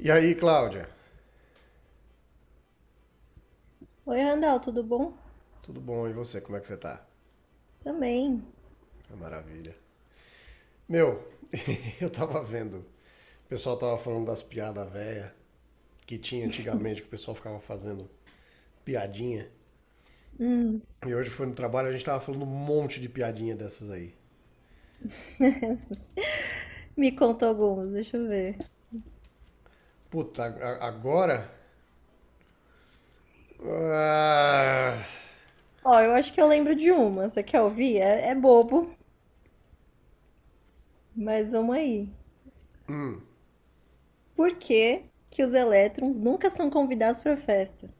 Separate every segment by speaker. Speaker 1: E aí, Cláudia?
Speaker 2: Oi, Randall, tudo bom?
Speaker 1: Tudo bom? E você? Como é que você tá?
Speaker 2: Também.
Speaker 1: É maravilha. Meu, eu tava vendo. O pessoal tava falando das piadas velhas que tinha antigamente, que o pessoal ficava fazendo piadinha.
Speaker 2: Hum,
Speaker 1: E hoje foi no trabalho, a gente tava falando um monte de piadinha dessas aí.
Speaker 2: me conta algumas, deixa eu ver.
Speaker 1: Puta, agora? Ah,
Speaker 2: Ó, eu acho que eu lembro de uma. Você quer ouvir? É bobo, mas vamos aí. Por que que os elétrons nunca são convidados pra festa?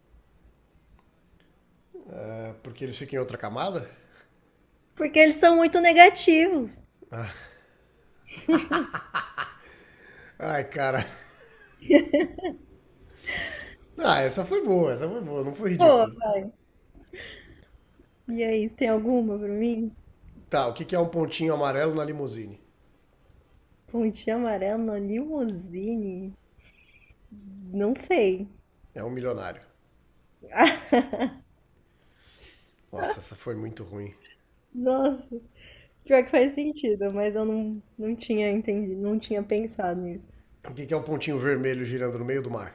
Speaker 1: é porque eles ficam em outra camada?
Speaker 2: Porque eles são muito negativos.
Speaker 1: Ai, cara. Ah, essa foi boa, não foi
Speaker 2: Pô,
Speaker 1: ridícula.
Speaker 2: e aí, você tem alguma pra mim?
Speaker 1: Tá, o que que é um pontinho amarelo na limusine?
Speaker 2: Pontinho amarela, na limusine? Não sei.
Speaker 1: É um milionário. Nossa, essa foi muito ruim.
Speaker 2: Nossa, pior que faz sentido, mas eu não tinha entendido, não tinha pensado nisso.
Speaker 1: O que é um pontinho vermelho girando no meio do mar?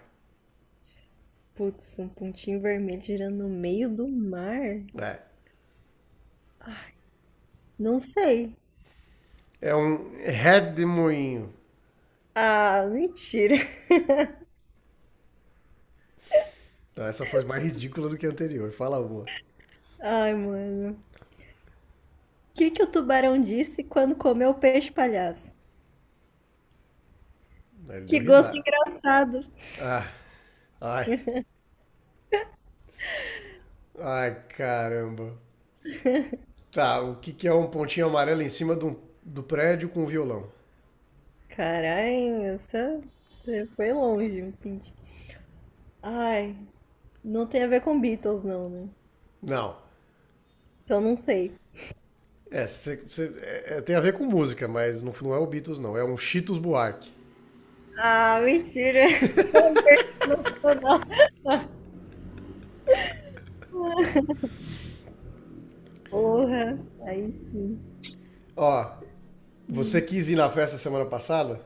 Speaker 2: Putz, um pontinho vermelho girando no meio do mar?
Speaker 1: É.
Speaker 2: Não sei.
Speaker 1: É um redemoinho.
Speaker 2: Ah, mentira.
Speaker 1: Não, essa foi mais ridícula do que a anterior. Fala uma.
Speaker 2: Ai, mano. O que que o tubarão disse quando comeu o peixe palhaço?
Speaker 1: Ele deu
Speaker 2: Que gosto
Speaker 1: risada.
Speaker 2: engraçado.
Speaker 1: Ah, ai. Ai, caramba. Tá, o que que é um pontinho amarelo em cima do, do prédio com um violão?
Speaker 2: Caralho, essa... você foi longe, um pintinho. Ai, não tem a ver com Beatles, não, né?
Speaker 1: Não.
Speaker 2: Então não sei.
Speaker 1: É, tem a ver com música, mas não, não é o Beatles, não. É um Cheetos Buarque.
Speaker 2: Ah, mentira. Não, aguento, não. Porra, aí sim.
Speaker 1: Ó, você
Speaker 2: Hum,
Speaker 1: quis ir na festa semana passada?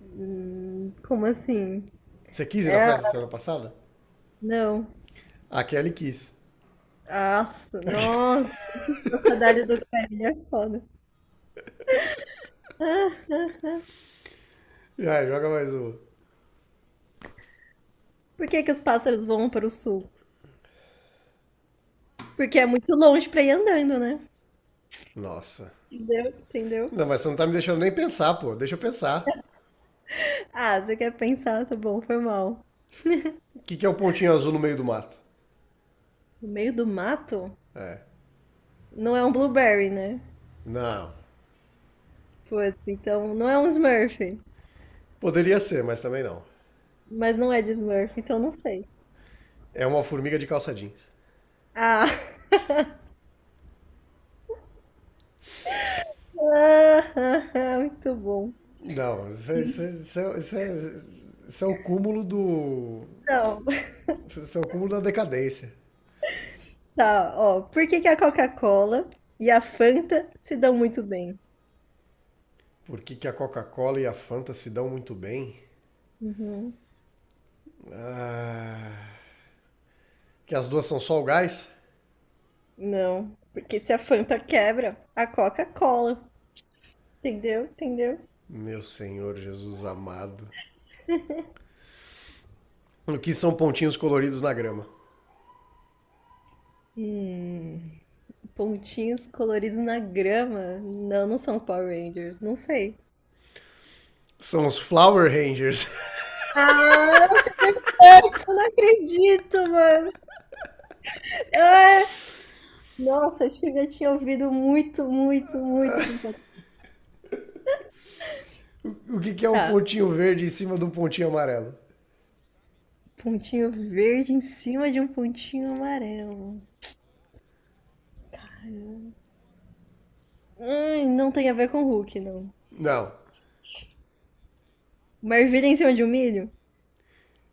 Speaker 2: como assim?
Speaker 1: Você quis ir na
Speaker 2: É,
Speaker 1: festa semana passada?
Speaker 2: não.
Speaker 1: A Kelly quis.
Speaker 2: Nossa, nossa. Trocadilho do Guarani é foda. Ah, ah, ah.
Speaker 1: Ah, joga mais uma.
Speaker 2: Por que que os pássaros voam para o sul? Porque é muito longe pra ir andando, né?
Speaker 1: Nossa.
Speaker 2: Entendeu? Entendeu?
Speaker 1: Não, mas você não tá me deixando nem pensar, pô. Deixa eu pensar.
Speaker 2: Ah, você quer pensar, tá bom, foi mal.
Speaker 1: O que que é o pontinho azul no meio do mato?
Speaker 2: No meio do mato?
Speaker 1: É.
Speaker 2: Não é um blueberry, né?
Speaker 1: Não.
Speaker 2: Putz, então não é um Smurf.
Speaker 1: Poderia ser, mas também não.
Speaker 2: Mas não é de Smurf, então não sei.
Speaker 1: É uma formiga de calça jeans.
Speaker 2: Ah, ah, ah, ah, muito bom.
Speaker 1: Não, isso é, isso é o cúmulo do.
Speaker 2: Então,
Speaker 1: Isso é o cúmulo da decadência.
Speaker 2: tá, ó. Por que que a Coca-Cola e a Fanta se dão muito bem?
Speaker 1: Por que que a Coca-Cola e a Fanta se dão muito bem?
Speaker 2: Uhum.
Speaker 1: Que as duas são só o gás?
Speaker 2: Não, porque se a Fanta quebra, a Coca-Cola. Entendeu? Entendeu?
Speaker 1: Meu Senhor Jesus amado. O que são pontinhos coloridos na grama?
Speaker 2: Hum, pontinhos coloridos na grama. Não, não são os Power Rangers. Não sei.
Speaker 1: São os Flower Rangers.
Speaker 2: Ah, eu não acredito, mano. Ah, nossa, acho que eu já tinha ouvido muito, muito, muito tempo atrás.
Speaker 1: O que que é um
Speaker 2: Tá.
Speaker 1: pontinho verde em cima de um pontinho amarelo?
Speaker 2: Pontinho verde em cima de um pontinho amarelo. Não tem a ver com o Hulk, não.
Speaker 1: Não.
Speaker 2: Uma ervilha em cima de um milho?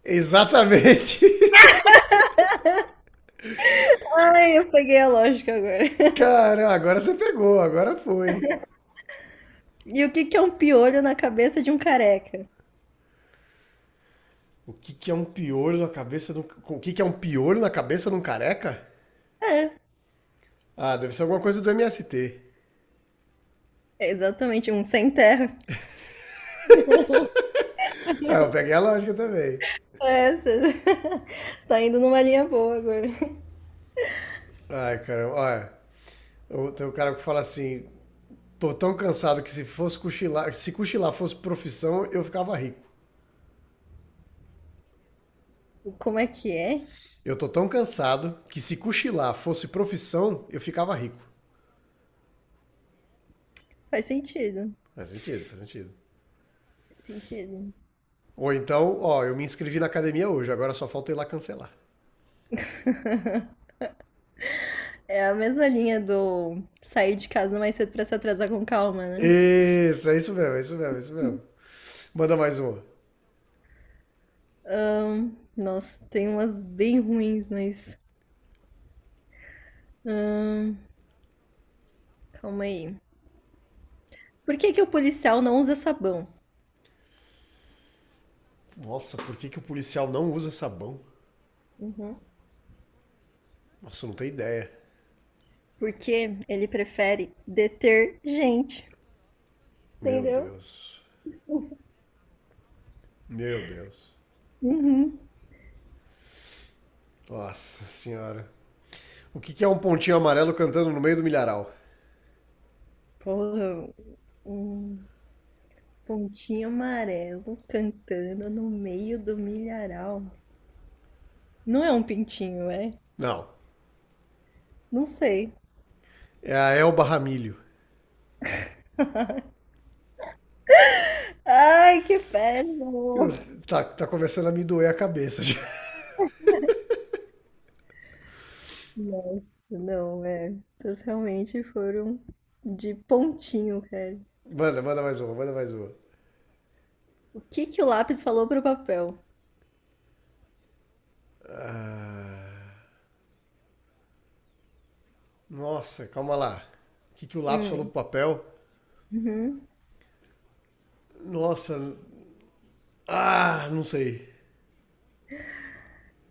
Speaker 1: Exatamente.
Speaker 2: Ai, eu peguei a lógica agora.
Speaker 1: Cara, agora você pegou, agora foi.
Speaker 2: E o que que é um piolho na cabeça de um careca?
Speaker 1: O que que é um piolho na cabeça de um... O que que é um piolho na cabeça de um careca?
Speaker 2: É,
Speaker 1: Ah, deve ser alguma coisa do MST.
Speaker 2: é exatamente, um sem terra.
Speaker 1: Ah, eu peguei a lógica também.
Speaker 2: É, cê... tá indo numa linha boa agora.
Speaker 1: Ai, caramba, olha. Tem um cara que fala assim: tô tão cansado que se cochilar fosse profissão, eu ficava rico.
Speaker 2: Como é que é?
Speaker 1: Eu tô tão cansado que se cochilar fosse profissão, eu ficava rico.
Speaker 2: Faz sentido.
Speaker 1: Faz sentido, faz sentido.
Speaker 2: Faz sentido.
Speaker 1: Ou então, ó, eu me inscrevi na academia hoje, agora só falta eu ir lá cancelar.
Speaker 2: É a mesma linha do sair de casa mais cedo pra se atrasar com calma, né?
Speaker 1: Isso, é isso mesmo, é isso mesmo, é isso mesmo. Manda mais uma.
Speaker 2: Nossa, tem umas bem ruins, mas calma aí. Por que que o policial não usa sabão?
Speaker 1: Nossa, por que que o policial não usa sabão?
Speaker 2: Uhum.
Speaker 1: Nossa, eu não tenho ideia.
Speaker 2: Porque ele prefere detergente,
Speaker 1: Meu
Speaker 2: entendeu?
Speaker 1: Deus. Meu Deus.
Speaker 2: Uhum.
Speaker 1: Nossa senhora. O que que é um pontinho amarelo cantando no meio do milharal?
Speaker 2: Porra, um pontinho amarelo cantando no meio do milharal. Não é um pintinho, é?
Speaker 1: Não.
Speaker 2: Não sei.
Speaker 1: É a Elba Ramilho.
Speaker 2: Ai, que péssimo!
Speaker 1: Tá, tá começando a me doer a cabeça já.
Speaker 2: Nossa, não, é. Vocês realmente foram de pontinho, cara.
Speaker 1: Manda, manda mais uma, manda mais uma.
Speaker 2: O que que o lápis falou pro papel?
Speaker 1: Ah, nossa, calma lá. O que que o lápis falou
Speaker 2: Hum,
Speaker 1: pro papel?
Speaker 2: uhum.
Speaker 1: Nossa, ah, não sei.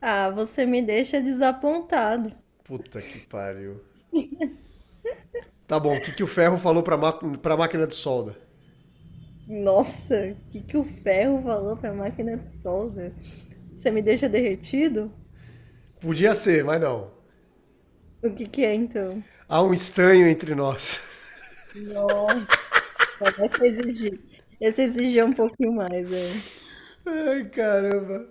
Speaker 2: Ah, você me deixa desapontado.
Speaker 1: Puta que pariu. Tá bom, o que que o ferro falou pra máquina de solda?
Speaker 2: Nossa, o que que o ferro falou pra máquina de solda? Você me deixa derretido?
Speaker 1: Podia ser, mas não.
Speaker 2: O que que é então?
Speaker 1: Há um estranho entre nós.
Speaker 2: Nossa. Essa exigir. Essa exigir um pouquinho mais, é.
Speaker 1: Ai, caramba.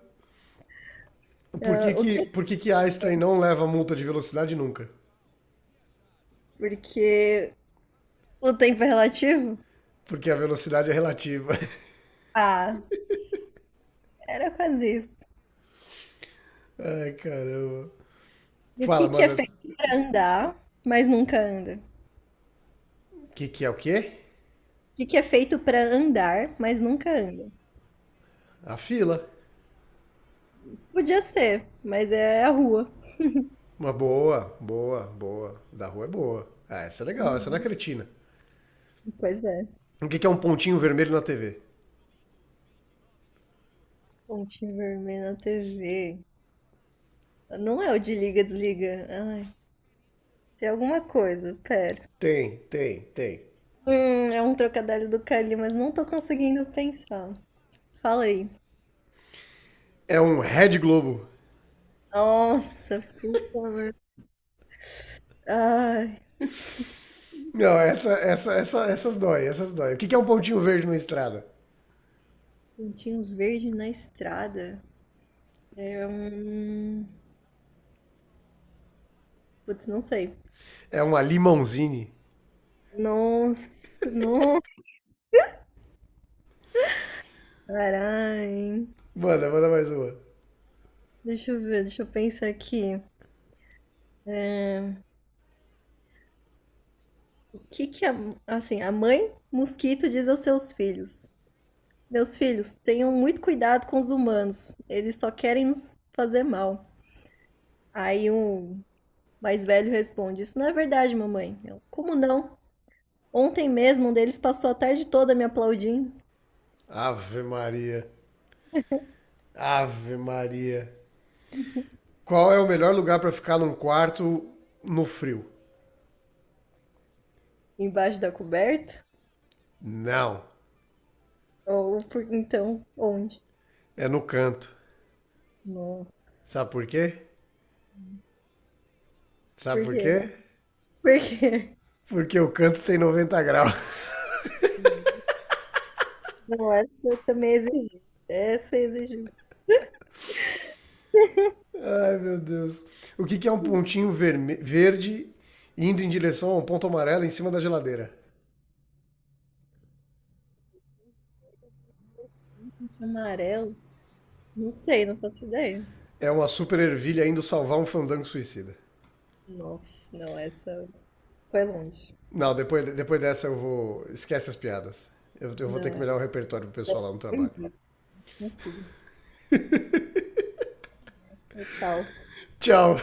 Speaker 2: Ah, o que?
Speaker 1: Por que que Einstein
Speaker 2: É?
Speaker 1: não leva multa de velocidade nunca?
Speaker 2: Porque o tempo é relativo?
Speaker 1: Porque a velocidade é relativa.
Speaker 2: Ah, era quase isso.
Speaker 1: Ai, caramba.
Speaker 2: E o que
Speaker 1: Fala,
Speaker 2: que é
Speaker 1: manda.
Speaker 2: feito pra andar, mas nunca anda?
Speaker 1: O que que é o quê?
Speaker 2: O que que é feito pra andar, mas nunca anda?
Speaker 1: A fila.
Speaker 2: Podia ser, mas é a rua.
Speaker 1: Uma boa, boa, boa. Da rua é boa. Ah, essa é legal, essa não é
Speaker 2: Uhum.
Speaker 1: cretina.
Speaker 2: Pois é.
Speaker 1: O que que é um pontinho vermelho na TV?
Speaker 2: Ponte vermelha na TV. Não é o de liga, desliga. Ai, tem alguma coisa, pera.
Speaker 1: Tem, tem, tem.
Speaker 2: É um trocadilho do Cali, mas não tô conseguindo pensar. Fala aí.
Speaker 1: É um Red Globo.
Speaker 2: Nossa, puta merda. Ai,
Speaker 1: Não, essas dói, essas dói. O que que é um pontinho verde numa estrada?
Speaker 2: pontinho verde na estrada. É um. Putz, não sei.
Speaker 1: É uma Limonzine.
Speaker 2: Nossa, nossa, caralho.
Speaker 1: Manda, manda mais uma.
Speaker 2: Deixa eu ver, deixa eu pensar aqui. O que que a, assim, a mãe mosquito diz aos seus filhos? Meus filhos, tenham muito cuidado com os humanos. Eles só querem nos fazer mal. Aí o mais velho responde: Isso não é verdade, mamãe. Eu, como não? Ontem mesmo um deles passou a tarde toda me aplaudindo.
Speaker 1: Ave Maria. Ave Maria. Qual é o melhor lugar pra ficar num quarto no frio?
Speaker 2: Embaixo da coberta?
Speaker 1: Não,
Speaker 2: Ou por, então, onde?
Speaker 1: é no canto.
Speaker 2: Nossa.
Speaker 1: Sabe por quê? Sabe
Speaker 2: Por
Speaker 1: por
Speaker 2: quê?
Speaker 1: quê?
Speaker 2: Por quê?
Speaker 1: Porque o canto tem 90 graus.
Speaker 2: Não, essa também exigiu. Essa exigiu.
Speaker 1: Ai, meu Deus. O que que é um pontinho verde indo em direção a um ponto amarelo em cima da geladeira?
Speaker 2: Amarelo? Não sei, não faço ideia.
Speaker 1: É uma super ervilha indo salvar um fandango suicida.
Speaker 2: Nossa, não, essa foi longe.
Speaker 1: Não, depois, depois dessa eu vou. Esquece as piadas. Eu vou ter
Speaker 2: Não,
Speaker 1: que
Speaker 2: essa
Speaker 1: melhorar o repertório pro
Speaker 2: foi
Speaker 1: pessoal lá no
Speaker 2: longe.
Speaker 1: trabalho.
Speaker 2: Não consigo. Tchau.
Speaker 1: Tchau!